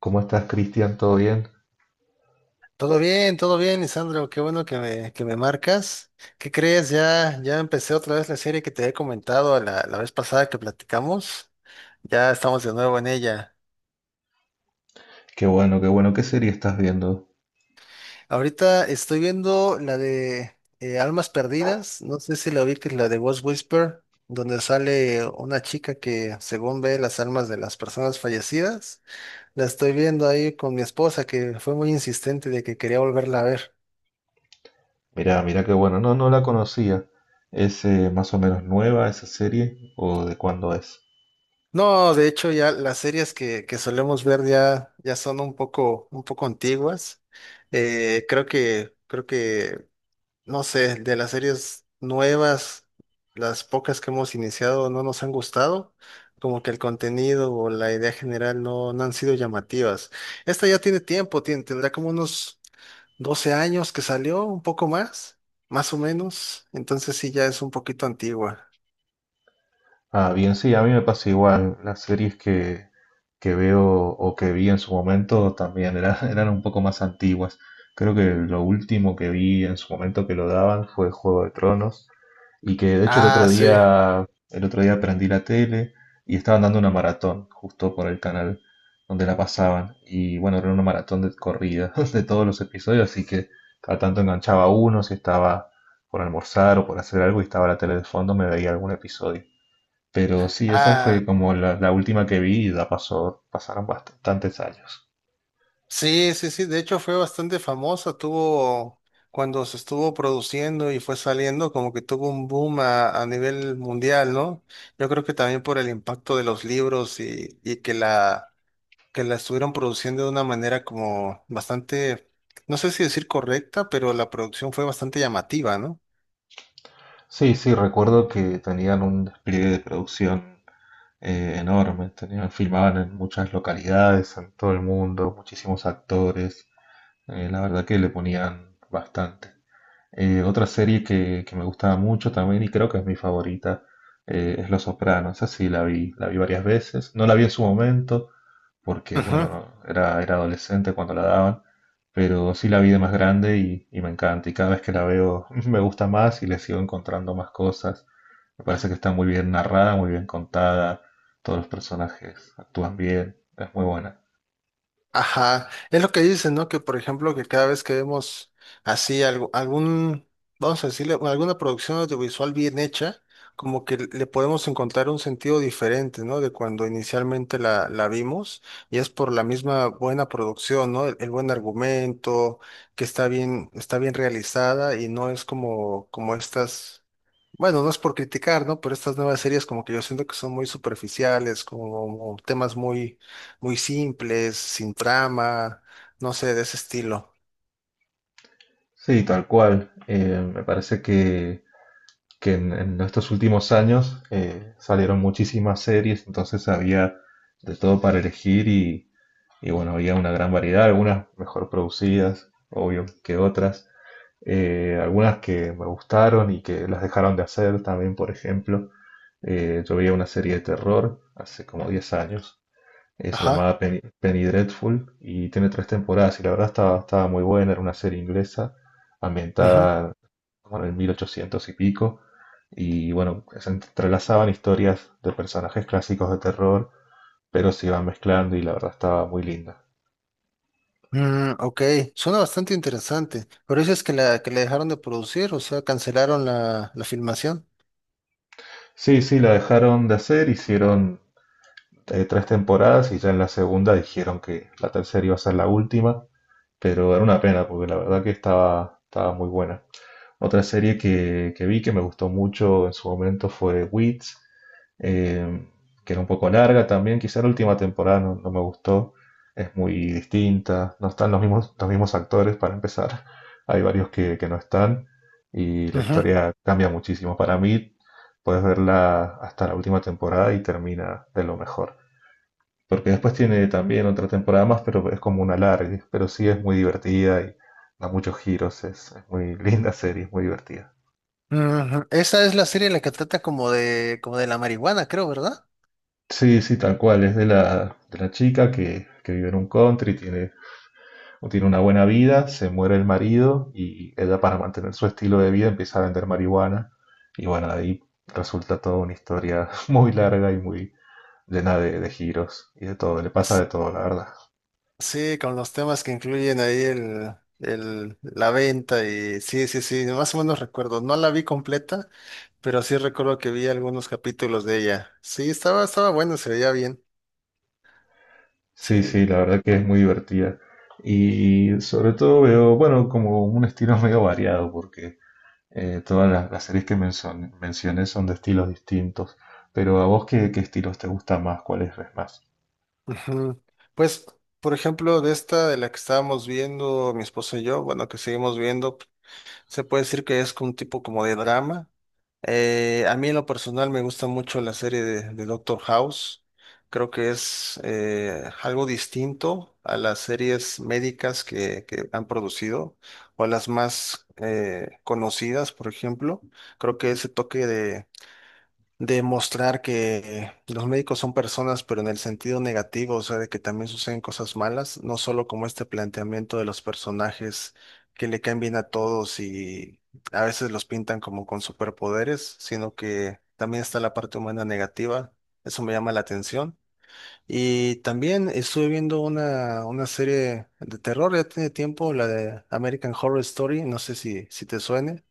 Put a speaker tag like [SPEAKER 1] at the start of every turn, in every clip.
[SPEAKER 1] ¿Cómo estás, Cristian? ¿Todo bien?
[SPEAKER 2] Todo bien, Lisandro. Qué bueno que me marcas. ¿Qué crees? Ya empecé otra vez la serie que te había comentado la vez pasada que platicamos. Ya estamos de nuevo en ella.
[SPEAKER 1] Qué bueno, qué bueno. ¿Qué serie estás viendo?
[SPEAKER 2] Ahorita estoy viendo la de Almas Perdidas. No sé si la que la de Ghost Whisper, donde sale una chica que según ve las almas de las personas fallecidas. La estoy viendo ahí con mi esposa que fue muy insistente de que quería volverla a ver.
[SPEAKER 1] Mirá, mirá, qué bueno. No, no la conocía. ¿Es más o menos nueva esa serie? ¿O de cuándo es?
[SPEAKER 2] No, de hecho ya las series que solemos ver ya son un poco antiguas. Creo que, no sé, de las series nuevas, las pocas que hemos iniciado no nos han gustado. Como que el contenido o la idea general no, no han sido llamativas. Esta ya tiene tiempo, tendrá como unos 12 años que salió, un poco más, más o menos. Entonces sí, ya es un poquito antigua.
[SPEAKER 1] Ah, bien, sí, a mí me pasa igual. Las series que veo o que vi en su momento también eran un poco más antiguas. Creo que lo último que vi en su momento que lo daban fue Juego de Tronos y que de hecho
[SPEAKER 2] Ah, sí.
[SPEAKER 1] el otro día prendí la tele y estaban dando una maratón justo por el canal donde la pasaban y bueno, era una maratón de corrida de todos los episodios, así que cada tanto enganchaba uno si estaba por almorzar o por hacer algo y estaba la tele de fondo, me veía algún episodio. Pero sí, esa
[SPEAKER 2] Ah.
[SPEAKER 1] fue como la última que vi y ya pasó, pasaron bastantes años.
[SPEAKER 2] Sí, sí, sí, de hecho fue bastante famosa, tuvo, cuando se estuvo produciendo y fue saliendo, como que tuvo un boom a nivel mundial, ¿no? Yo creo que también por el impacto de los libros y que la estuvieron produciendo de una manera como bastante, no sé si decir correcta, pero la producción fue bastante llamativa, ¿no?
[SPEAKER 1] Sí, sí, recuerdo que tenían un despliegue de producción enorme, tenían, filmaban en muchas localidades, en todo el mundo, muchísimos actores, la verdad que le ponían bastante. Otra serie que me gustaba mucho también y creo que es mi favorita, es Los Sopranos. Esa sí la vi varias veces. No la vi en su momento porque, bueno,
[SPEAKER 2] Ujú.
[SPEAKER 1] no, era adolescente cuando la daban, pero sí la vi de más grande y me encanta. Y cada vez que la veo me gusta más y le sigo encontrando más cosas. Me parece que está muy bien narrada, muy bien contada. Todos los personajes actúan bien. Es muy buena.
[SPEAKER 2] Ajá, es lo que dicen, ¿no? Que por ejemplo, que cada vez que vemos así algo, algún, vamos a decirle, alguna producción audiovisual bien hecha, como que le podemos encontrar un sentido diferente, ¿no? De cuando inicialmente la vimos, y es por la misma buena producción, ¿no? El buen argumento, que está bien realizada y no es como, como estas, bueno, no es por criticar, ¿no? Pero estas nuevas series como que yo siento que son muy superficiales, como temas muy simples, sin trama, no sé, de ese estilo.
[SPEAKER 1] Sí, tal cual. Me parece que en estos últimos años salieron muchísimas series, entonces había de todo para elegir y bueno, había una gran variedad, algunas mejor producidas, obvio que otras, algunas que me gustaron y que las dejaron de hacer también, por ejemplo. Yo veía una serie de terror hace como 10 años, se
[SPEAKER 2] Ajá,
[SPEAKER 1] llamaba Penny, Penny Dreadful y tiene tres temporadas y la verdad estaba, estaba muy buena, era una serie inglesa
[SPEAKER 2] ajá.
[SPEAKER 1] ambientada como en el 1800 y pico. Y bueno, se entrelazaban historias de personajes clásicos de terror, pero se iban mezclando y la verdad estaba muy linda.
[SPEAKER 2] Mm, ok, suena bastante interesante. Pero dices que la dejaron de producir, o sea, cancelaron la filmación.
[SPEAKER 1] Sí, sí, la dejaron de hacer, hicieron tres temporadas y ya en la segunda dijeron que la tercera iba a ser la última, pero era una pena porque la verdad que estaba, estaba muy buena. Otra serie que vi que me gustó mucho en su momento fue Weeds, eh, que era un poco larga también. Quizá la última temporada no, no me gustó, es muy distinta, no están los mismos actores para empezar, hay varios que no están y la
[SPEAKER 2] Ujú,
[SPEAKER 1] historia cambia muchísimo. Para mí, puedes verla hasta la última temporada y termina de lo mejor. Porque después tiene también otra temporada más, pero es como una larga, pero sí es muy divertida y da muchos giros, es muy linda serie, es muy divertida.
[SPEAKER 2] ujú. Esa es la serie en la que trata como de la marihuana, creo, ¿verdad?
[SPEAKER 1] Sí, sí, tal cual. Es de la chica que vive en un country, tiene, tiene una buena vida, se muere el marido y ella para mantener su estilo de vida empieza a vender marihuana. Y bueno, de ahí resulta toda una historia muy larga y muy llena de giros y de todo. Le pasa
[SPEAKER 2] S-
[SPEAKER 1] de todo, la verdad.
[SPEAKER 2] Sí, con los temas que incluyen ahí el, la venta y sí, sí, sí, más o menos recuerdo. No la vi completa, pero sí recuerdo que vi algunos capítulos de ella. Sí, estaba bueno, se veía bien.
[SPEAKER 1] Sí,
[SPEAKER 2] Sí.
[SPEAKER 1] sí, la verdad que es muy divertida. Y sobre todo veo, bueno, como un estilo medio variado, porque todas las series que mencioné son de estilos distintos, pero a vos qué, qué estilos te gustan más, cuáles ves más.
[SPEAKER 2] Ujú. Pues, por ejemplo, de esta de la que estábamos viendo, mi esposo y yo, bueno, que seguimos viendo, se puede decir que es un tipo como de drama. A mí en lo personal me gusta mucho la serie de Doctor House. Creo que es algo distinto a las series médicas que han producido o a las más conocidas, por ejemplo. Creo que ese toque de mostrar que los médicos son personas, pero en el sentido negativo, o sea, de que también suceden cosas malas, no solo como este planteamiento de los personajes que le caen bien a todos y a veces los pintan como con superpoderes, sino que también está la parte humana negativa. Eso me llama la atención. Y también estuve viendo una serie de terror, ya tiene tiempo, la de American Horror Story, no sé si, si te suene,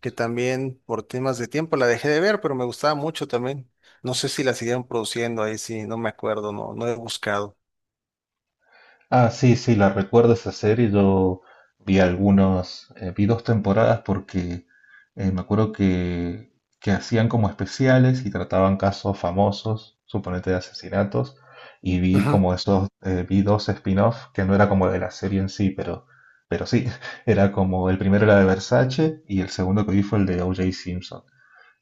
[SPEAKER 2] que también por temas de tiempo la dejé de ver, pero me gustaba mucho también. No sé si la siguieron produciendo ahí, sí, no me acuerdo, no, no he buscado.
[SPEAKER 1] Ah, sí, sí, la recuerdo esa serie, yo vi algunos, vi dos temporadas porque me acuerdo que hacían como especiales y trataban casos famosos, suponete de asesinatos, y vi
[SPEAKER 2] Ujú.
[SPEAKER 1] como esos, vi dos spin-off que no era como de la serie en sí, pero sí, era como el primero era de Versace y el segundo que vi fue el de O.J. Simpson.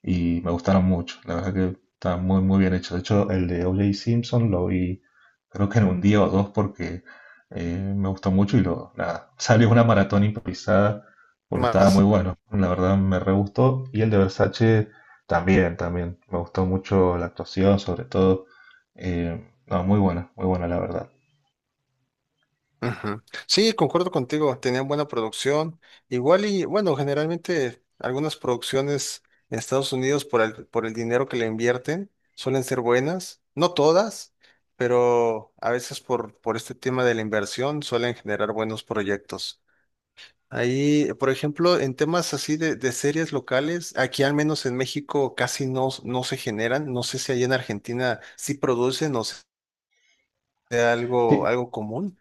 [SPEAKER 1] Y me gustaron mucho. La verdad que está muy, muy bien hecho. De hecho, el de O.J. Simpson lo vi creo que en un día o dos porque me gustó mucho y lo, nada, salió una maratón improvisada porque estaba muy
[SPEAKER 2] Más.
[SPEAKER 1] bueno. La verdad me re gustó. Y el de Versace también, también. Me gustó mucho la actuación, sobre todo. No, muy buena la verdad.
[SPEAKER 2] Ujú. Sí, concuerdo contigo, tenían buena producción. Igual y bueno, generalmente algunas producciones en Estados Unidos por el dinero que le invierten suelen ser buenas, no todas, pero a veces por este tema de la inversión suelen generar buenos proyectos. Ahí, por ejemplo, en temas así de series locales, aquí al menos en México casi no, no se generan. No sé si allá en Argentina sí producen o sea algo,
[SPEAKER 1] Sí,
[SPEAKER 2] algo común.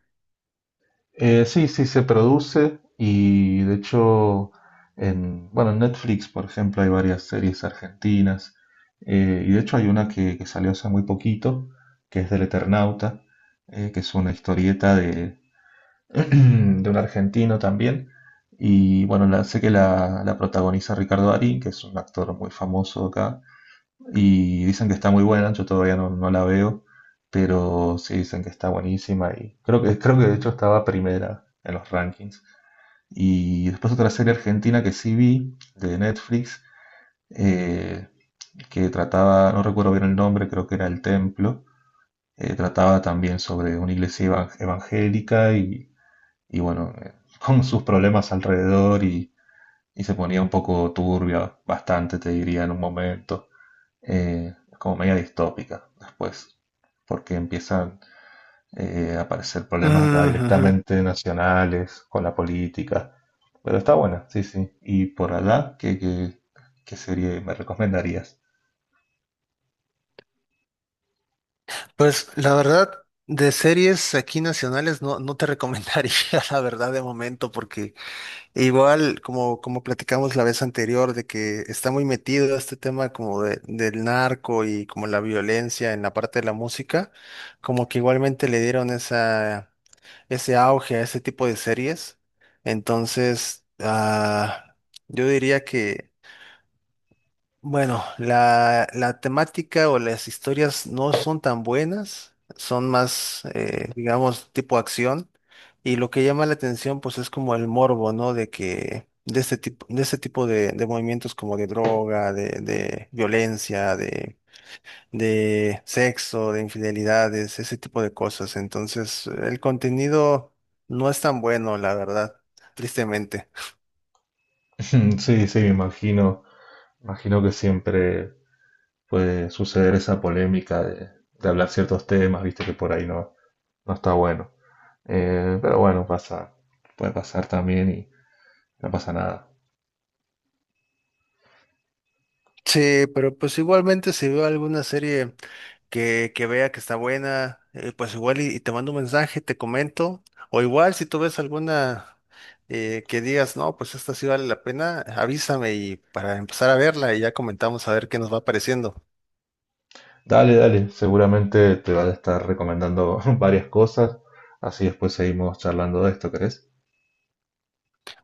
[SPEAKER 1] Sí, sí se produce y de hecho en, bueno, en Netflix, por ejemplo, hay varias series argentinas, y de hecho hay una que salió hace muy poquito, que es del Eternauta, que es una historieta de, de un argentino también y bueno, sé que la protagoniza Ricardo Darín, que es un actor muy famoso acá y dicen que está muy buena, yo todavía no, no la veo, pero sí dicen que está buenísima y creo que de hecho estaba primera en los rankings. Y después otra serie argentina que sí vi de Netflix, eh, que trataba, no recuerdo bien el nombre, creo que era El Templo, trataba también sobre una iglesia evangélica y bueno, con sus problemas alrededor y se ponía un poco turbia, bastante te diría en un momento, como media distópica después, porque empiezan a aparecer problemas ya
[SPEAKER 2] Ujú.
[SPEAKER 1] directamente nacionales con la política. Pero está buena, sí, sí. Y por allá, ¿ qué serie me recomendarías?
[SPEAKER 2] Pues la verdad, de series aquí nacionales no, no te recomendaría la verdad de momento, porque igual como, como platicamos la vez anterior, de que está muy metido este tema como del narco y como la violencia en la parte de la música, como que igualmente le dieron esa, ese auge a ese tipo de series. Entonces, ah, yo diría que bueno, la temática o las historias no son tan buenas, son más, digamos, tipo acción. Y lo que llama la atención, pues, es como el morbo, ¿no? De que, de este tipo, de este tipo de movimientos como de droga, de violencia, de sexo, de infidelidades, ese tipo de cosas. Entonces, el contenido no es tan bueno, la verdad, tristemente.
[SPEAKER 1] Sí, sí, me imagino, imagino que siempre puede suceder esa polémica de hablar ciertos temas, viste que por ahí no, no está bueno. Pero bueno, pasa, puede pasar también y no pasa nada.
[SPEAKER 2] Sí, pero pues igualmente si veo alguna serie que vea que está buena, pues igual y te mando un mensaje, te comento, o igual si tú ves alguna que digas, no, pues esta sí vale la pena, avísame y para empezar a verla y ya comentamos a ver qué nos va pareciendo.
[SPEAKER 1] Dale, dale, seguramente te van a estar recomendando varias cosas, así después seguimos charlando de esto, ¿querés?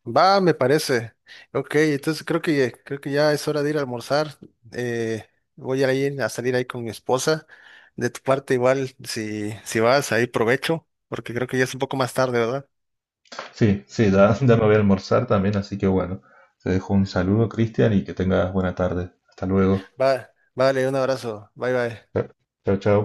[SPEAKER 2] Va, me parece. Ok, entonces creo que ya es hora de ir a almorzar. Eh, voy a ir a salir ahí con mi esposa. De tu parte igual, si, si vas, ahí provecho, porque creo que ya es un poco más tarde, ¿verdad?
[SPEAKER 1] Sí, sí, ya, ya me voy a almorzar también, así que bueno, te dejo un saludo, Cristian, y que tengas buena tarde. Hasta luego.
[SPEAKER 2] Va, vale, un abrazo. Bye bye.
[SPEAKER 1] Chao, chao.